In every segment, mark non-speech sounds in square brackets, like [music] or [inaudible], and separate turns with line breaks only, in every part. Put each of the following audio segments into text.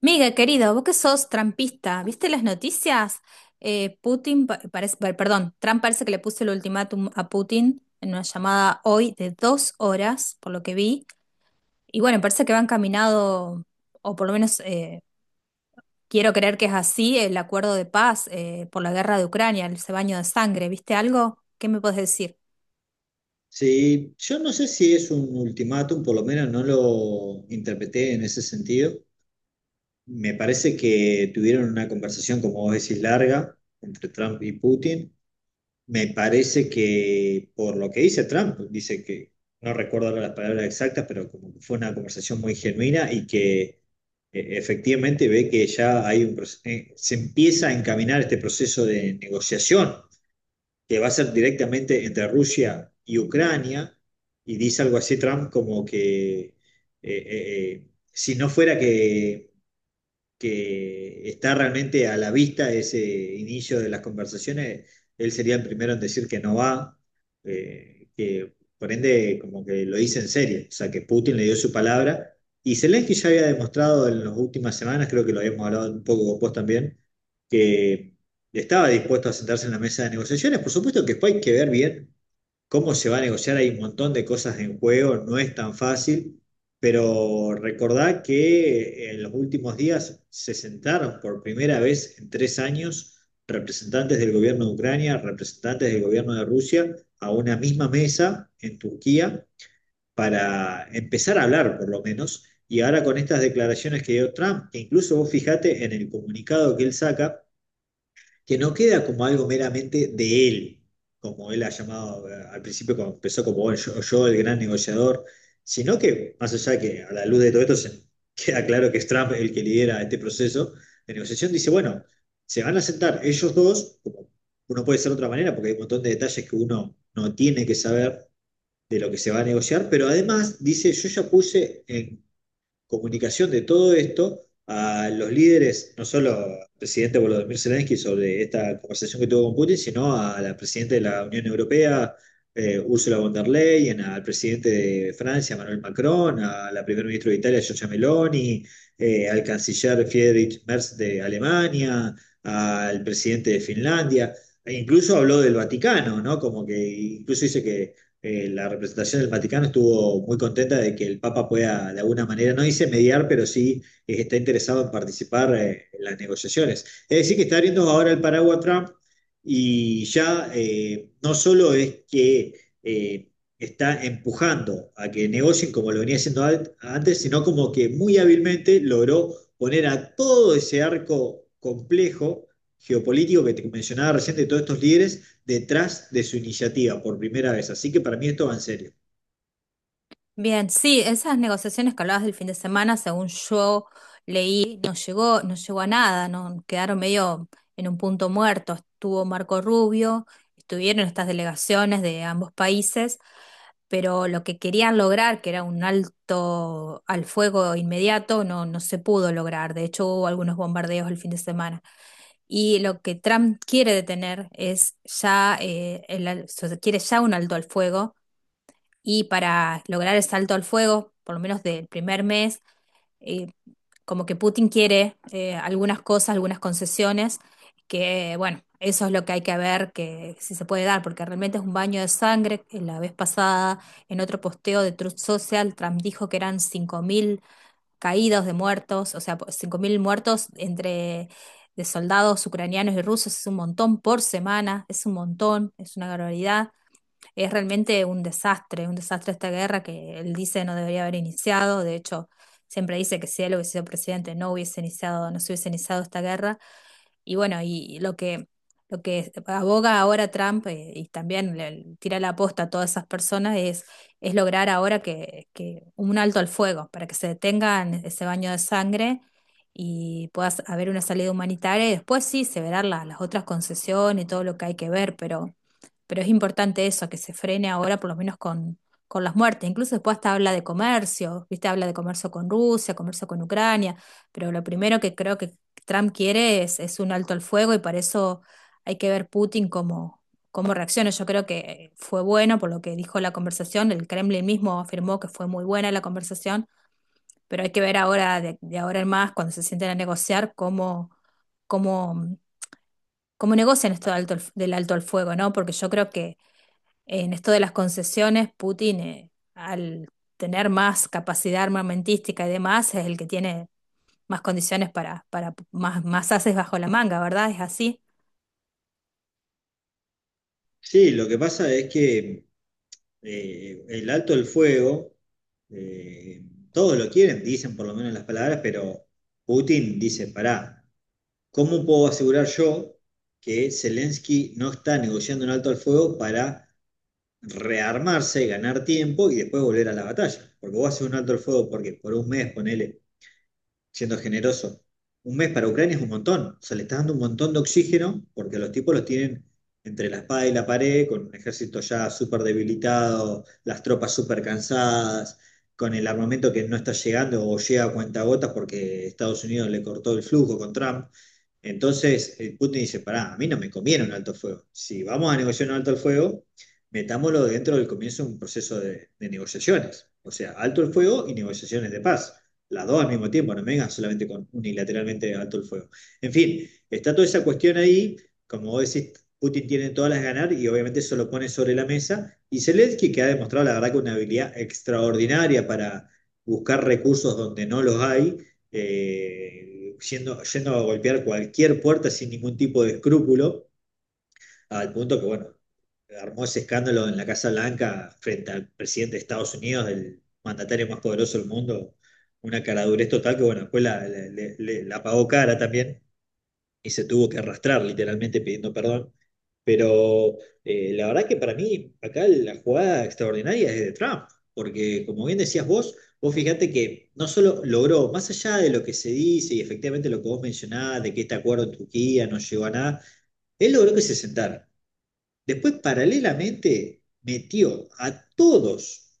Miguel, querido, vos que sos trampista, ¿viste las noticias? Putin, parece, perdón, Trump parece que le puso el ultimátum a Putin en una llamada hoy de 2 horas, por lo que vi. Y bueno, parece que va encaminado, o por lo menos quiero creer que es así, el acuerdo de paz por la guerra de Ucrania, el baño de sangre. ¿Viste algo? ¿Qué me puedes decir?
Sí, yo no sé si es un ultimátum, por lo menos no lo interpreté en ese sentido. Me parece que tuvieron una conversación, como vos decís, larga entre Trump y Putin. Me parece que, por lo que dice Trump, dice que, no recuerdo ahora las palabras exactas, pero como que fue una conversación muy genuina y que efectivamente ve que ya hay un, se empieza a encaminar este proceso de negociación que va a ser directamente entre Rusia y Ucrania, y dice algo así Trump como que eh, eh, si no fuera que está realmente a la vista ese inicio de las conversaciones, él sería el primero en decir que no va, que por ende como que lo dice en serio, o sea que Putin le dio su palabra y Zelensky ya había demostrado en las últimas semanas, creo que lo habíamos hablado un poco con vos también, que estaba dispuesto a sentarse en la mesa de negociaciones, por supuesto que después hay que ver bien cómo se va a negociar, hay un montón de cosas en juego, no es tan fácil, pero recordad que en los últimos días se sentaron por primera vez en 3 años representantes del gobierno de Ucrania, representantes del gobierno de Rusia, a una misma mesa en Turquía para empezar a hablar, por lo menos. Y ahora con estas declaraciones que dio Trump, que incluso vos fijate en el comunicado que él saca, que no queda como algo meramente de él, como él ha llamado al principio, cuando empezó como bueno, yo el gran negociador, sino que, más allá de que a la luz de todo esto se [laughs] queda claro que es Trump el que lidera este proceso de negociación, dice, bueno, se van a sentar ellos dos, como uno puede ser de otra manera, porque hay un montón de detalles que uno no tiene que saber de lo que se va a negociar, pero además dice, yo ya puse en comunicación de todo esto a los líderes, no solo al presidente Volodymyr Zelensky sobre esta conversación que tuvo con Putin, sino a la presidenta de la Unión Europea, Ursula von der Leyen, al presidente de Francia, Emmanuel Macron, a la primer ministra de Italia, Giorgia Meloni, al canciller Friedrich Merz de Alemania, al presidente de Finlandia. E incluso habló del Vaticano, ¿no? Como que incluso dice que la representación del Vaticano estuvo muy contenta de que el Papa pueda, de alguna manera, no dice mediar, pero sí está interesado en participar en las negociaciones. Es decir, que está abriendo ahora el paraguas Trump y ya no solo es que eh, está empujando a que negocien como lo venía haciendo antes, sino como que muy hábilmente logró poner a todo ese arco complejo geopolítico que te mencionaba recién de todos estos líderes detrás de su iniciativa por primera vez. Así que para mí esto va en serio.
Bien, sí, esas negociaciones que hablabas del fin de semana, según yo leí, no llegó a nada, no quedaron medio en un punto muerto. Estuvo Marco Rubio, estuvieron estas delegaciones de ambos países, pero lo que querían lograr, que era un alto al fuego inmediato, no, no se pudo lograr. De hecho, hubo algunos bombardeos el fin de semana. Y lo que Trump quiere detener es ya, o sea, quiere ya un alto al fuego y para lograr el salto al fuego, por lo menos del primer mes, eh, como que Putin quiere algunas cosas, algunas concesiones, que bueno, eso es lo que hay que ver, que si se puede dar, porque realmente es un baño de sangre. La vez pasada, en otro posteo de Truth Social, Trump dijo que eran 5.000 caídos de muertos, o sea, 5.000 muertos entre... de soldados ucranianos y rusos es un montón por semana, es un montón, es una barbaridad. Es realmente un desastre esta guerra que él dice no debería haber iniciado. De hecho, siempre dice que si él hubiese sido presidente no hubiese iniciado, no se hubiese iniciado esta guerra. Y bueno, y lo que, aboga ahora Trump y también le tira la aposta a todas esas personas es, lograr ahora que un alto al fuego, para que se detengan ese baño de sangre y pueda haber una salida humanitaria y después sí se verán las otras concesiones y todo lo que hay que ver, pero, es importante eso, que se frene ahora por lo menos con las muertes. Incluso después hasta habla de comercio, ¿viste? Habla de comercio con Rusia, comercio con Ucrania, pero lo primero que creo que Trump quiere es, un alto al fuego y para eso hay que ver Putin cómo reacciona. Yo creo que fue bueno por lo que dijo la conversación. El Kremlin mismo afirmó que fue muy buena la conversación, pero hay que ver ahora, de, ahora en más, cuando se sienten a negociar, cómo, cómo negocian esto de del alto al fuego, ¿no? Porque yo creo que en esto de las concesiones, Putin, al tener más capacidad armamentística y demás, es el que tiene más condiciones para más haces bajo la manga, ¿verdad? Es así.
Sí, lo que pasa es que el alto el fuego, eh, todos lo quieren, dicen por lo menos las palabras, pero Putin dice, pará, ¿cómo puedo asegurar yo que Zelensky no está negociando un alto al fuego para rearmarse, ganar tiempo y después volver a la batalla? Porque vos haces un alto al fuego porque por un mes, ponele, siendo generoso. Un mes para Ucrania es un montón, o sea, le está dando un montón de oxígeno porque los tipos los tienen entre la espada y la pared, con un ejército ya súper debilitado, las tropas súper cansadas, con el armamento que no está llegando o llega a cuentagotas porque Estados Unidos le cortó el flujo con Trump. Entonces, Putin dice, pará, a mí no me conviene un alto el fuego. Si vamos a negociar un alto el fuego, metámoslo dentro del comienzo de un proceso de negociaciones. O sea, alto el fuego y negociaciones de paz las dos al mismo tiempo, no me vengan solamente con unilateralmente alto el fuego. En fin, está toda esa cuestión ahí, como vos decís, Putin tiene todas las ganar y obviamente eso lo pone sobre la mesa. Y Zelensky, que ha demostrado la verdad que una habilidad extraordinaria para buscar recursos donde no los hay, yendo a golpear cualquier puerta sin ningún tipo de escrúpulo al punto que, bueno, armó ese escándalo en la Casa Blanca frente al presidente de Estados Unidos, el mandatario más poderoso del mundo, una caradurez total que, bueno, después la pagó cara también y se tuvo que arrastrar literalmente pidiendo perdón. Pero la verdad que para mí acá la jugada extraordinaria es de Trump, porque como bien decías vos, vos fíjate que no solo logró, más allá de lo que se dice y efectivamente lo que vos mencionabas, de que este acuerdo en Turquía no llegó a nada, él logró que se sentara. Después, paralelamente, metió a todos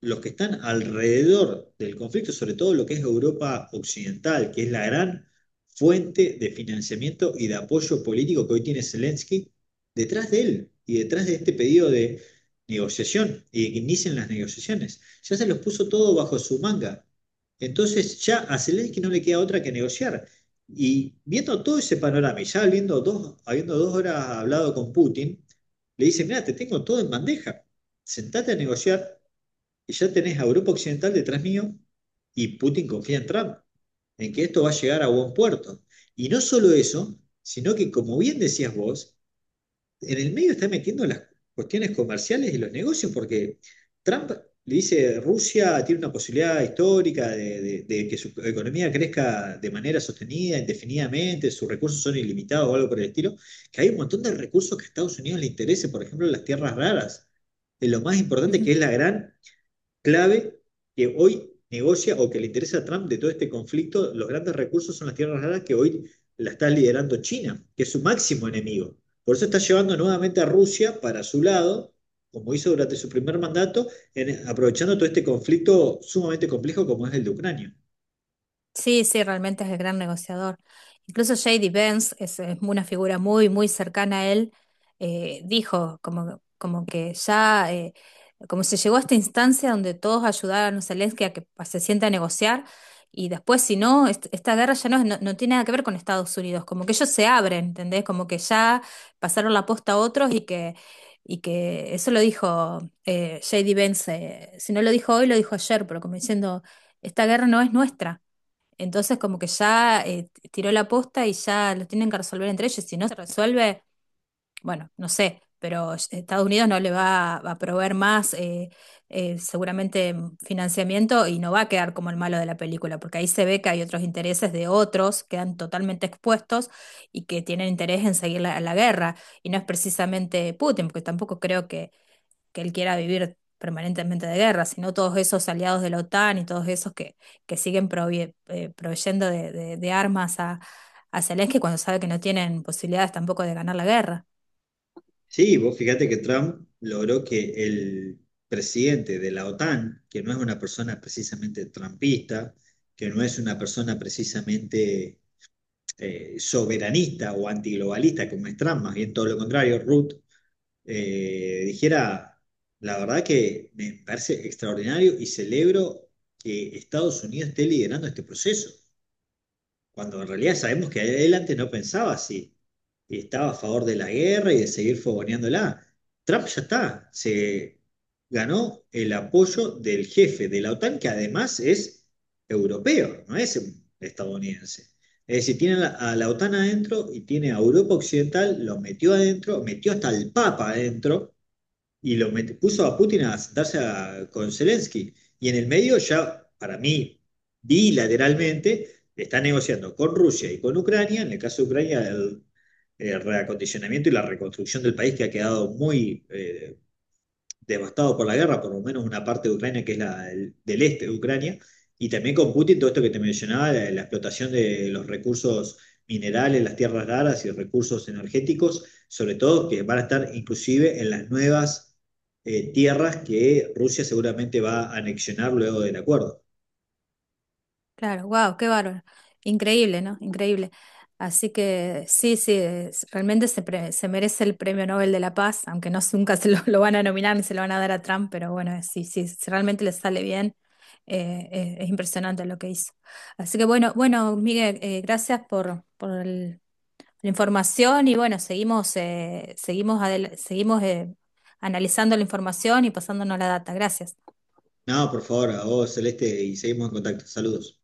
los que están alrededor del conflicto, sobre todo lo que es Europa Occidental, que es la gran fuente de financiamiento y de apoyo político que hoy tiene Zelensky, detrás de él y detrás de este pedido de negociación y de que inicien las negociaciones. Ya se los puso todo bajo su manga. Entonces ya a Zelensky no le queda otra que negociar. Y viendo todo ese panorama, y ya habiendo 2 horas hablado con Putin, le dice, mira, te tengo todo en bandeja, sentate a negociar y ya tenés a Europa Occidental detrás mío y Putin confía en Trump, en que esto va a llegar a buen puerto. Y no solo eso, sino que como bien decías vos, en el medio está metiendo las cuestiones comerciales y los negocios, porque Trump le dice, Rusia tiene una posibilidad histórica de que su economía crezca de manera sostenida, indefinidamente, sus recursos son ilimitados o algo por el estilo, que hay un montón de recursos que a Estados Unidos le interese, por ejemplo, las tierras raras. Es lo más importante
Ujú.
que es la gran clave que hoy negocia o que le interesa a Trump de todo este conflicto, los grandes recursos son las tierras raras que hoy la está liderando China, que es su máximo enemigo. Por eso está llevando nuevamente a Rusia para su lado, como hizo durante su primer mandato, en, aprovechando todo este conflicto sumamente complejo como es el de Ucrania.
Sí, sí, realmente es el gran negociador. Incluso J.D. Vance es, una figura muy, muy cercana a él. Dijo como que ya, como se llegó a esta instancia donde todos ayudaron a Zelensky a que se sienta a negociar y después, si no, esta guerra ya no, no, no tiene nada que ver con Estados Unidos. Como que ellos se abren, ¿entendés? Como que ya pasaron la posta a otros y que, eso lo dijo J.D. Vance. Si no lo dijo hoy, lo dijo ayer, pero como diciendo, esta guerra no es nuestra. Entonces, como que ya tiró la posta y ya lo tienen que resolver entre ellos. Si no se resuelve, bueno, no sé, pero Estados Unidos no le va a proveer más, seguramente, financiamiento y no va a quedar como el malo de la película, porque ahí se ve que hay otros intereses de otros, quedan totalmente expuestos y que tienen interés en seguir la, guerra. Y no es precisamente Putin, porque tampoco creo que él quiera vivir permanentemente de guerra, sino todos esos aliados de la OTAN y todos esos que, siguen proveyendo de armas a Zelensky cuando sabe que no tienen posibilidades tampoco de ganar la guerra.
Sí, vos fíjate que Trump logró que el presidente de la OTAN, que no es una persona precisamente trumpista, que no es una persona precisamente soberanista o antiglobalista como es Trump, más bien todo lo contrario, Ruth, dijera, la verdad que me parece extraordinario y celebro que Estados Unidos esté liderando este proceso cuando en realidad sabemos que él antes no pensaba así y estaba a favor de la guerra y de seguir fogoneándola. Trump ya está, se ganó el apoyo del jefe de la OTAN, que además es europeo, no es estadounidense. Es decir, tiene a la, OTAN adentro y tiene a Europa Occidental, lo metió adentro, metió hasta el Papa adentro, y lo puso a Putin a sentarse con Zelensky. Y en el medio ya, para mí, bilateralmente, está negociando con Rusia y con Ucrania, en el caso de Ucrania, el reacondicionamiento y la reconstrucción del país que ha quedado muy devastado por la guerra, por lo menos una parte de Ucrania que es la del este de Ucrania, y también con Putin todo esto que te mencionaba, la explotación de los recursos minerales, las tierras raras y recursos energéticos, sobre todo que van a estar inclusive en las nuevas tierras que Rusia seguramente va a anexionar luego del acuerdo.
Claro, wow, qué bárbaro. Increíble, ¿no? Increíble. Así que sí, sí, realmente se merece el Premio Nobel de la Paz, aunque no [laughs] sé, nunca se lo van a nominar ni se lo van a dar a Trump, pero bueno, sí, sí, si realmente le sale bien, es impresionante lo que hizo. Así que bueno, bueno, Miguel, gracias por la información y bueno, seguimos, analizando la información y pasándonos la data. Gracias.
No, por favor, a vos Celeste y seguimos en contacto. Saludos.